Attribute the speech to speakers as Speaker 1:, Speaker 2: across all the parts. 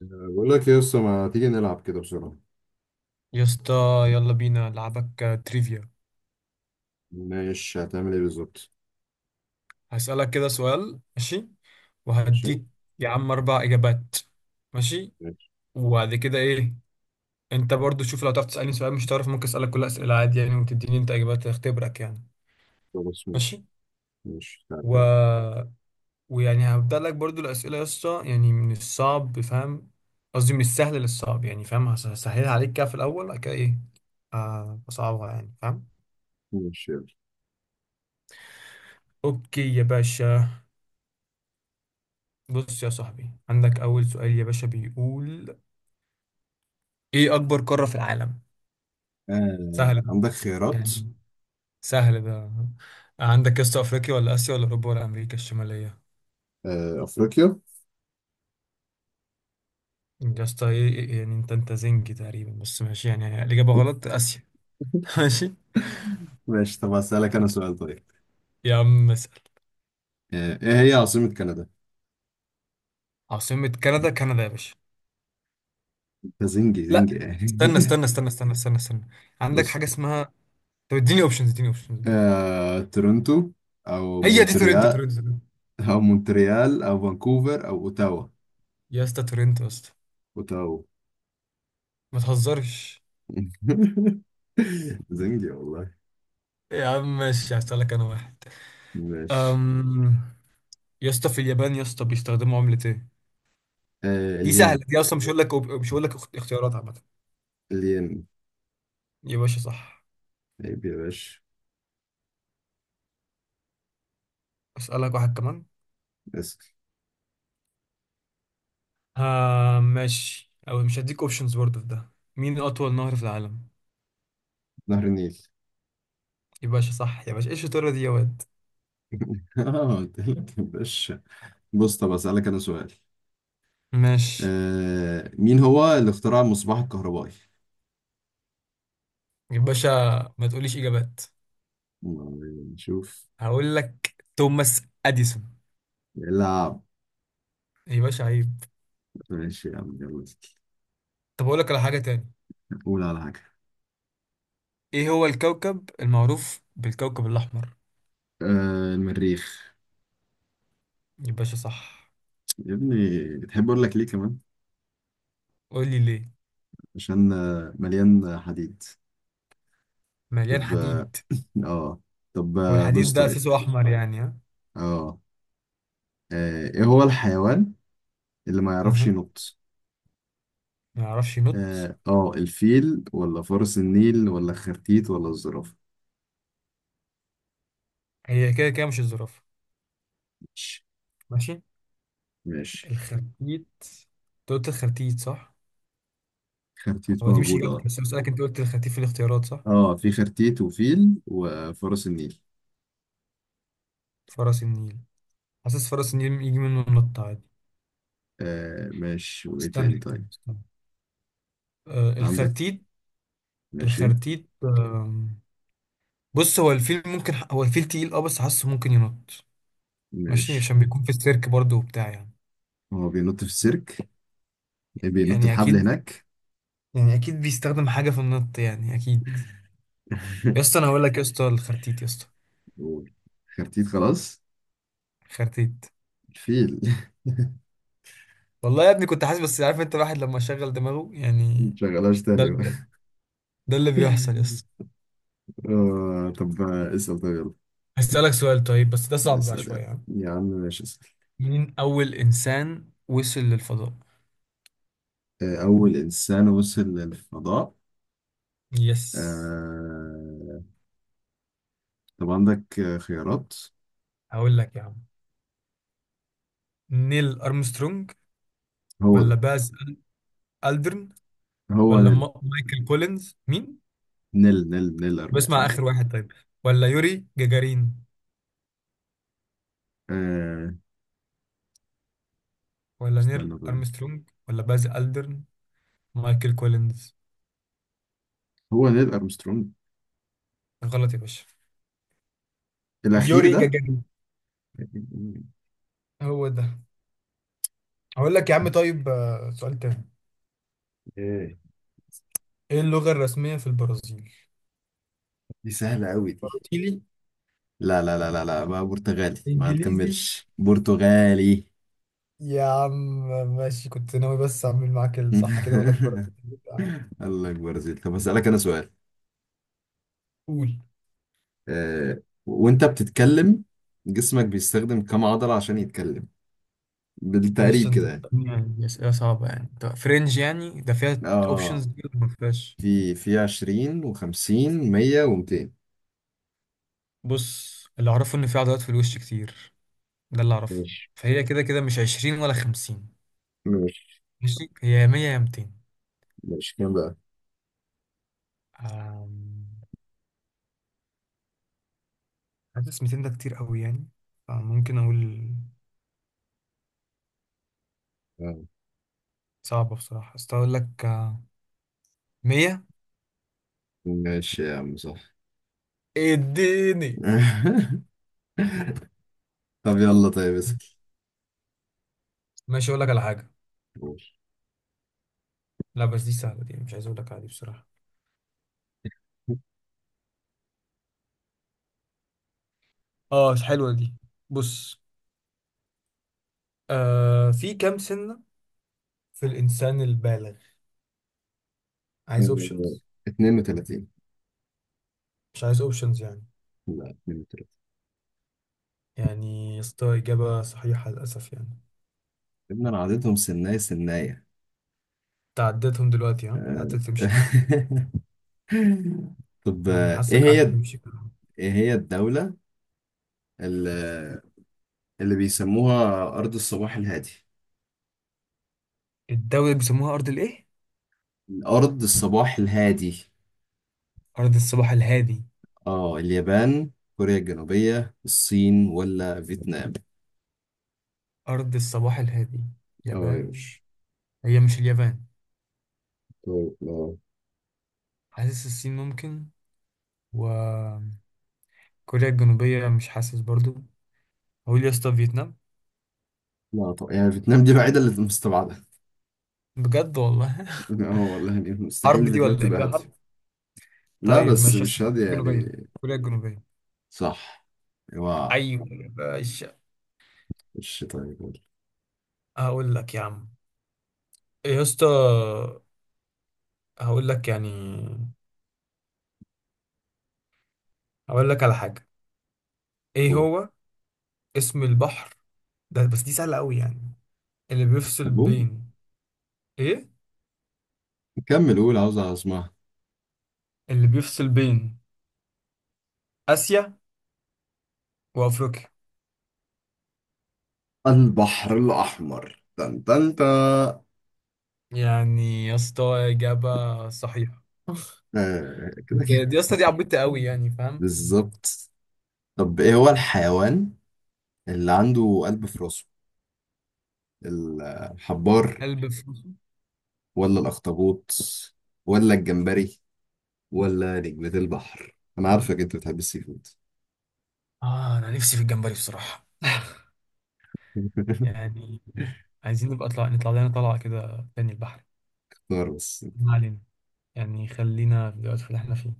Speaker 1: بقول لك يا اسطى ما تيجي نلعب كده بسرعة.
Speaker 2: يا اسطى، يلا بينا لعبك تريفيا.
Speaker 1: ماشي، هتعمل ايه بالظبط؟
Speaker 2: هسألك كده سؤال، ماشي؟
Speaker 1: ماشي.
Speaker 2: وهديك يا عم أربع إجابات. ماشي؟
Speaker 1: ماشي.
Speaker 2: وبعد كده إيه؟ أنت برضو شوف لو تعرف تسألني سؤال مش تعرف، ممكن أسألك كل أسئلة عادي يعني، وتديني أنت إجابات تختبرك يعني.
Speaker 1: خلاص ماشي.
Speaker 2: ماشي.
Speaker 1: ماشي، تعالى
Speaker 2: و...
Speaker 1: تعالى.
Speaker 2: ويعني هبدأ لك برضو الأسئلة يا اسطى، يعني من الصعب فاهم؟ قصدي من السهل للصعب، يعني فاهم؟ هسهلها عليك كده في الأول، بعد كده إيه؟ أصعبها، يعني فاهم؟
Speaker 1: ماشي يلا.
Speaker 2: أوكي يا باشا. بص يا صاحبي، عندك أول سؤال يا باشا، بيقول إيه أكبر قارة في العالم؟
Speaker 1: آه،
Speaker 2: سهلة
Speaker 1: عندك خيارات؟
Speaker 2: يعني، سهل ده. عندك يا اسطى أفريقيا ولا آسيا ولا أوروبا ولا أمريكا الشمالية؟
Speaker 1: آه، أفريقيا.
Speaker 2: يا اسطى يعني أنت أنت زنجي تقريبا، بس ماشي، يعني الإجابة غلط. آسيا. ماشي.
Speaker 1: ماشي. طب هسألك أنا سؤال طيب.
Speaker 2: يا عم اسأل.
Speaker 1: آه، إيه هي عاصمة كندا؟
Speaker 2: عاصمة كندا كندا يا باشا.
Speaker 1: ده زنجي
Speaker 2: لا.
Speaker 1: زنجي يعني.
Speaker 2: استنى استنى استنى استنى استنى استنى، عندك
Speaker 1: بص.
Speaker 2: حاجة اسمها. طب اديني أوبشنز، اديني أوبشنز، اديني أوبشنز.
Speaker 1: آه، تورنتو أو
Speaker 2: هي دي تورنتو
Speaker 1: مونتريال.
Speaker 2: تورنتو تورنتو.
Speaker 1: أو مونتريال أو فانكوفر أو أوتاوا.
Speaker 2: يا اسطى تورنتو يا اسطى.
Speaker 1: أوتاوا.
Speaker 2: ما تهزرش.
Speaker 1: زنجي والله.
Speaker 2: يا عم ماشي، هسألك أنا واحد.
Speaker 1: ماشي.
Speaker 2: أم... يا اسطى، في اليابان يا اسطى بيستخدموا عملة ايه؟
Speaker 1: آه،
Speaker 2: دي سهلة،
Speaker 1: الين.
Speaker 2: دي اصلا مش هقول لك مش هقول لك اختيارات عامة.
Speaker 1: الين.
Speaker 2: يا باشا صح.
Speaker 1: عيب يا باشا.
Speaker 2: اسألك واحد كمان.
Speaker 1: اسأل.
Speaker 2: آه ماشي، او مش هديك اوبشنز برضه في ده. مين اطول نهر في العالم؟
Speaker 1: نهر النيل.
Speaker 2: يا باشا صح يا باشا، ايش الشطارة دي يا واد؟
Speaker 1: اه قلت لك يا باشا. بص، طب اسألك انا سؤال.
Speaker 2: ماشي.
Speaker 1: آه، مين هو اللي اخترع المصباح الكهربائي؟
Speaker 2: يا باشا ما تقوليش اجابات.
Speaker 1: نشوف.
Speaker 2: هقول لك توماس اديسون.
Speaker 1: لا.
Speaker 2: يا باشا عيب.
Speaker 1: ماشي يا عم يلا.
Speaker 2: طب اقول لك على حاجة تاني.
Speaker 1: قول على حاجة.
Speaker 2: ايه هو الكوكب المعروف بالكوكب الاحمر؟
Speaker 1: آه، المريخ.
Speaker 2: يا باشا صح.
Speaker 1: يا ابني تحب اقول لك ليه كمان؟
Speaker 2: قول لي ليه؟
Speaker 1: عشان مليان حديد.
Speaker 2: مليان
Speaker 1: طب اه.
Speaker 2: حديد.
Speaker 1: آه. طب بص
Speaker 2: والحديد ده
Speaker 1: طيب.
Speaker 2: اساسه احمر يعني ها.
Speaker 1: اه ايه هو الحيوان اللي ما يعرفش
Speaker 2: أها.
Speaker 1: ينط.
Speaker 2: ما يعرفش ينط.
Speaker 1: الفيل ولا فرس النيل ولا خرتيت ولا الزرافة؟
Speaker 2: هي كده كده مش الزرافه.
Speaker 1: ماشي.
Speaker 2: ماشي.
Speaker 1: ماشي.
Speaker 2: الخرتيت. انت قلت الخرتيت صح؟
Speaker 1: خرتيت
Speaker 2: هو دي مش
Speaker 1: موجود
Speaker 2: اجابتي،
Speaker 1: اه.
Speaker 2: بس أنا بسالك، انت قلت الخرتيت في الاختيارات صح؟
Speaker 1: اه في خرتيت وفيل وفرس النيل.
Speaker 2: فرس النيل. حاسس فرس النيل يجي منه النط عادي.
Speaker 1: آه ماشي، وايه
Speaker 2: استنى
Speaker 1: تاني
Speaker 2: استنى،
Speaker 1: طيب؟
Speaker 2: استنى. آه
Speaker 1: عندك.
Speaker 2: الخرتيت.
Speaker 1: ماشي.
Speaker 2: الخرتيت. بص هو الفيل، ممكن هو الفيل تقيل اه، بس حاسه ممكن ينط. ماشي،
Speaker 1: ماشي.
Speaker 2: عشان بيكون في السيرك برضه وبتاع يعني.
Speaker 1: هو بينط في السيرك؟ إيه، بينط
Speaker 2: يعني
Speaker 1: الحبل
Speaker 2: اكيد.
Speaker 1: هناك.
Speaker 2: يعني اكيد بيستخدم حاجه في النط يعني اكيد. يا اسطى انا هقول لك يا اسطى الخرتيت يا اسطى.
Speaker 1: قول. خرتيت خلاص.
Speaker 2: خرتيت.
Speaker 1: الفيل.
Speaker 2: والله يا ابني كنت حاسس، بس عارف انت الواحد لما شغل دماغه يعني.
Speaker 1: متشغلهاش
Speaker 2: ده
Speaker 1: تاني بقى.
Speaker 2: ال- ده اللي بيحصل يا اسطى.
Speaker 1: آه، طب اسأل طيب.
Speaker 2: هسألك سؤال طيب، بس ده
Speaker 1: يلا
Speaker 2: صعب بقى
Speaker 1: اسأل
Speaker 2: شوية
Speaker 1: يعني
Speaker 2: يعني.
Speaker 1: يا عم ماشي اسأل.
Speaker 2: مين اول انسان وصل للفضاء؟
Speaker 1: أول إنسان وصل للفضاء.
Speaker 2: يس.
Speaker 1: آه... طب عندك خيارات؟
Speaker 2: هقول لك يا عم، نيل أرمسترونج
Speaker 1: هو
Speaker 2: ولا
Speaker 1: ده.
Speaker 2: باز ألدرن
Speaker 1: هو
Speaker 2: ولا
Speaker 1: نيل
Speaker 2: مايكل كولينز مين؟
Speaker 1: نيل نيل نيل
Speaker 2: بسمع
Speaker 1: أرمسترونج.
Speaker 2: آخر واحد طيب. ولا يوري جاجارين
Speaker 1: آه...
Speaker 2: ولا نيل
Speaker 1: استنى بقى.
Speaker 2: أرمسترونج ولا باز ألدرن مايكل كولينز؟
Speaker 1: هو نيل أرمسترونج.
Speaker 2: غلط يا باشا.
Speaker 1: الأخير
Speaker 2: يوري
Speaker 1: ده.
Speaker 2: جاجارين هو ده. هقول لك يا عم طيب، سؤال تاني.
Speaker 1: ايه؟
Speaker 2: ايه اللغة الرسمية في البرازيل؟
Speaker 1: دي سهلة قوي دي.
Speaker 2: برازيلي.
Speaker 1: لا لا لا لا لا بقى، برتغالي، ما
Speaker 2: انجليزي.
Speaker 1: تكملش برتغالي.
Speaker 2: يا عم ماشي، كنت ناوي بس اعمل معاك الصح كده، اقول لك برازيلي.
Speaker 1: الله أكبر يا زيد، طب هسألك أنا سؤال.
Speaker 2: قول.
Speaker 1: وأنت بتتكلم جسمك بيستخدم كم عضلة عشان يتكلم؟
Speaker 2: ايش
Speaker 1: بالتقريب
Speaker 2: انت
Speaker 1: كده يعني.
Speaker 2: بتسألني يعني اسئله صعبه يعني؟ طب فرنج يعني، ده فيها
Speaker 1: اه،
Speaker 2: اوبشنز دي ولا ما فيهاش؟
Speaker 1: في 20 و50، 100 و200.
Speaker 2: بص اللي اعرفه ان في عضلات في الوش كتير، ده اللي اعرفه.
Speaker 1: ماشي.
Speaker 2: فهي كده كده مش 20 ولا 50.
Speaker 1: ماشي.
Speaker 2: ماشي، هي يا 100 يا 200.
Speaker 1: ماشي كام بقى؟
Speaker 2: أم، حاسس 200 ده كتير قوي يعني، فممكن اقول.
Speaker 1: آه.
Speaker 2: صعبة بصراحة، بس أقول لك مية.
Speaker 1: ماشي يا عم صح.
Speaker 2: اديني.
Speaker 1: طب يلا طيب اسأل.
Speaker 2: ماشي، اقول لك على حاجه.
Speaker 1: ماشي.
Speaker 2: لا بس دي سهله دي، مش عايز اقول لك، عادي بصراحه. اه حلوه دي. بص، في كام سنه في الانسان البالغ؟ عايز
Speaker 1: آه،
Speaker 2: اوبشنز؟
Speaker 1: 32.
Speaker 2: مش عايز اوبشنز يعني.
Speaker 1: لا، 32.
Speaker 2: يعني يا اسطى اجابه صحيحه للاسف يعني.
Speaker 1: ابن انا عددهم سناية سناية.
Speaker 2: تعديتهم دلوقتي، ها قعدت
Speaker 1: آه.
Speaker 2: تمشي كده.
Speaker 1: طب
Speaker 2: يعني
Speaker 1: ايه
Speaker 2: حاسك
Speaker 1: هي.
Speaker 2: قعدت تمشي كده.
Speaker 1: ايه هي الدولة اللي, اللي بيسموها أرض الصباح الهادي؟
Speaker 2: الدولة اللي بيسموها أرض الإيه؟
Speaker 1: أرض الصباح الهادي.
Speaker 2: أرض الصباح الهادي.
Speaker 1: اه، اليابان، كوريا الجنوبية، الصين ولا فيتنام؟
Speaker 2: أرض الصباح الهادي
Speaker 1: اه يا
Speaker 2: يابان.
Speaker 1: باشا.
Speaker 2: هي مش اليابان؟
Speaker 1: طيب لا.
Speaker 2: حاسس الصين ممكن، وكوريا الجنوبية مش حاسس برضو. هقول يا اسطى فيتنام.
Speaker 1: لا طبعا، يعني فيتنام دي الوحيدة اللي مستبعدة.
Speaker 2: بجد والله؟
Speaker 1: اه والله، يعني
Speaker 2: حرب
Speaker 1: مستحيل
Speaker 2: دي
Speaker 1: فيتنام
Speaker 2: ولا ايه،
Speaker 1: تبقى
Speaker 2: فيها
Speaker 1: هادية.
Speaker 2: حرب؟
Speaker 1: لا
Speaker 2: طيب
Speaker 1: بس
Speaker 2: ماشي يا اسطى،
Speaker 1: مش هادية
Speaker 2: الجنوبية،
Speaker 1: يعني.
Speaker 2: كوريا الجنوبية.
Speaker 1: صح. اوعى.
Speaker 2: ايوه يا باشا.
Speaker 1: مش طيب قول.
Speaker 2: هقول لك يا عم. إيه يا اسطى، هقول لك يعني، هقول لك على حاجة. ايه
Speaker 1: قول.
Speaker 2: هو اسم البحر ده؟ بس دي سهلة قوي يعني. اللي بيفصل
Speaker 1: طب قول.
Speaker 2: بين ايه؟
Speaker 1: كمل قول، عاوز اسمعها.
Speaker 2: اللي بيفصل بين آسيا وأفريقيا.
Speaker 1: البحر الأحمر، تن تن تا.
Speaker 2: يعني يا اسطى إجابة صحيحة.
Speaker 1: آه كده كده.
Speaker 2: دي يا اسطى دي عبيطه قوي يعني فاهم.
Speaker 1: بالظبط. طب ايه هو الحيوان اللي عنده قلب في راسه؟ الحبار،
Speaker 2: قلب فلوسه.
Speaker 1: ولا الأخطبوط، ولا الجمبري، ولا نجمة البحر؟ أنا عارفك أنت بتحب السي فود.
Speaker 2: اه انا نفسي في الجمبري بصراحه يعني. عايزين نبقى نطلع لنا طلعه كده تاني البحر.
Speaker 1: اختار بس.
Speaker 2: ما علينا، يعني خلينا في الوقت اللي احنا فيه.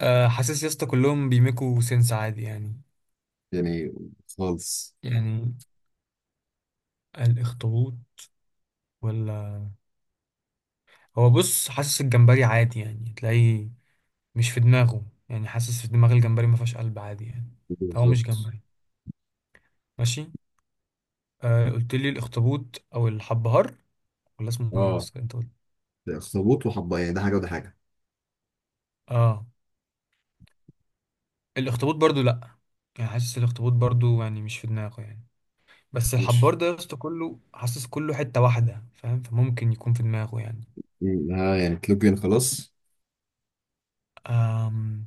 Speaker 2: آه حاسس يا اسطى كلهم بيميكوا سنس عادي يعني.
Speaker 1: يعني خالص.
Speaker 2: يعني الاخطبوط ولا. هو بص، حاسس الجمبري عادي يعني تلاقيه مش في دماغه يعني، حاسس في دماغ الجمبري ما فيهاش قلب عادي يعني. فهو مش
Speaker 1: بالظبط.
Speaker 2: جمبري. ماشي. آه قلت لي الاخطبوط او الحبهار، ولا اسمه ايه
Speaker 1: اه،
Speaker 2: بس انت؟
Speaker 1: ده أخطبوط وحبة يعني، ده حاجة وده حاجة.
Speaker 2: اه. الاخطبوط برضو لا. يعني حاسس الاخطبوط برضو يعني مش في دماغه يعني. بس الحبار
Speaker 1: مش.
Speaker 2: ده يا اسطى كله، حاسس كله حتة واحدة فاهم، فممكن يكون في دماغه يعني.
Speaker 1: ها يعني تلوجين خلاص.
Speaker 2: أم.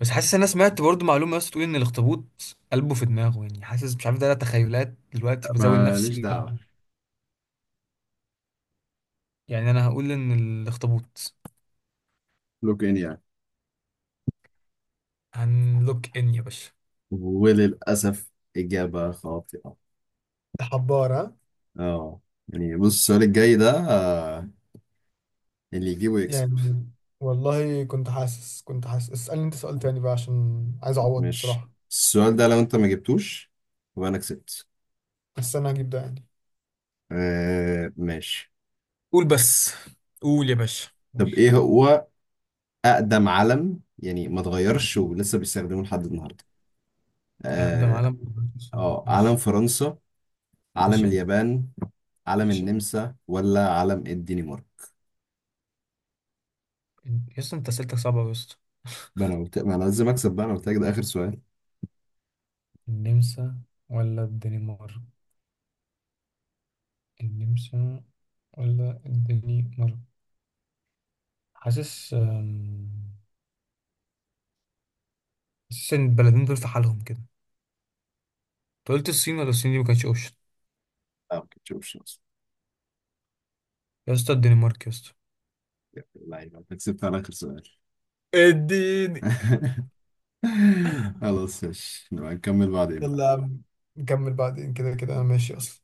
Speaker 2: بس حاسس انا سمعت برضو معلومة يا اسطى، تقول ان الاخطبوط قلبه في دماغه، يعني حاسس مش عارف ده، لا تخيلات دلوقتي بزاول
Speaker 1: ماليش
Speaker 2: نفسي
Speaker 1: دعوة.
Speaker 2: يعني انا هقول ان الاخطبوط.
Speaker 1: لوكين يعني.
Speaker 2: هنلوك ان يا باشا.
Speaker 1: وللأسف إجابة خاطئة.
Speaker 2: حبار ها.
Speaker 1: اه. يعني بص، السؤال الجاي ده اللي يجيبه يكسب.
Speaker 2: يعني والله كنت حاسس، كنت حاسس. اسألني انت سؤال تاني بقى، عشان عايز اعوض
Speaker 1: مش
Speaker 2: بصراحة.
Speaker 1: السؤال ده، لو أنت ما جبتوش يبقى أنا كسبت.
Speaker 2: بس انا هجيب ده يعني.
Speaker 1: آه ماشي.
Speaker 2: قول بس. قول يا باشا. قول.
Speaker 1: طب ايه هو اقدم علم يعني ما اتغيرش ولسه بيستخدموه لحد النهارده؟
Speaker 2: أقدم
Speaker 1: اه.
Speaker 2: علم.
Speaker 1: علم
Speaker 2: ماشي.
Speaker 1: فرنسا، علم
Speaker 2: ماشي.
Speaker 1: اليابان، علم
Speaker 2: ماشي.
Speaker 1: النمسا ولا علم الدنمارك؟
Speaker 2: يا اسطى أنت أسئلتك صعبة أوي يا اسطى.
Speaker 1: ده انا قلت ما انا لازم اكسب بقى، انا قلت لك ده اخر سؤال.
Speaker 2: النمسا ولا الدنمارك؟ النمسا ولا الدنمارك؟ حاسس، حاسس إن البلدين دول في حالهم كده. أنت قلت الصين، ولا الصين دي ما كانتش أوبشن؟
Speaker 1: لا، ما كنتش شخص.
Speaker 2: يا اسطى الدنمارك يا اسطى.
Speaker 1: لا، يبقى انت كسبت على اخر سؤال.
Speaker 2: اديني.
Speaker 1: خلاص ماشي، نبقى نكمل بعدين
Speaker 2: يلا
Speaker 1: بقى.
Speaker 2: يا عم، نكمل بعدين، كده كده أنا ماشي أصلا.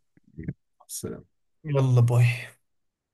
Speaker 1: بس.
Speaker 2: يلا باي.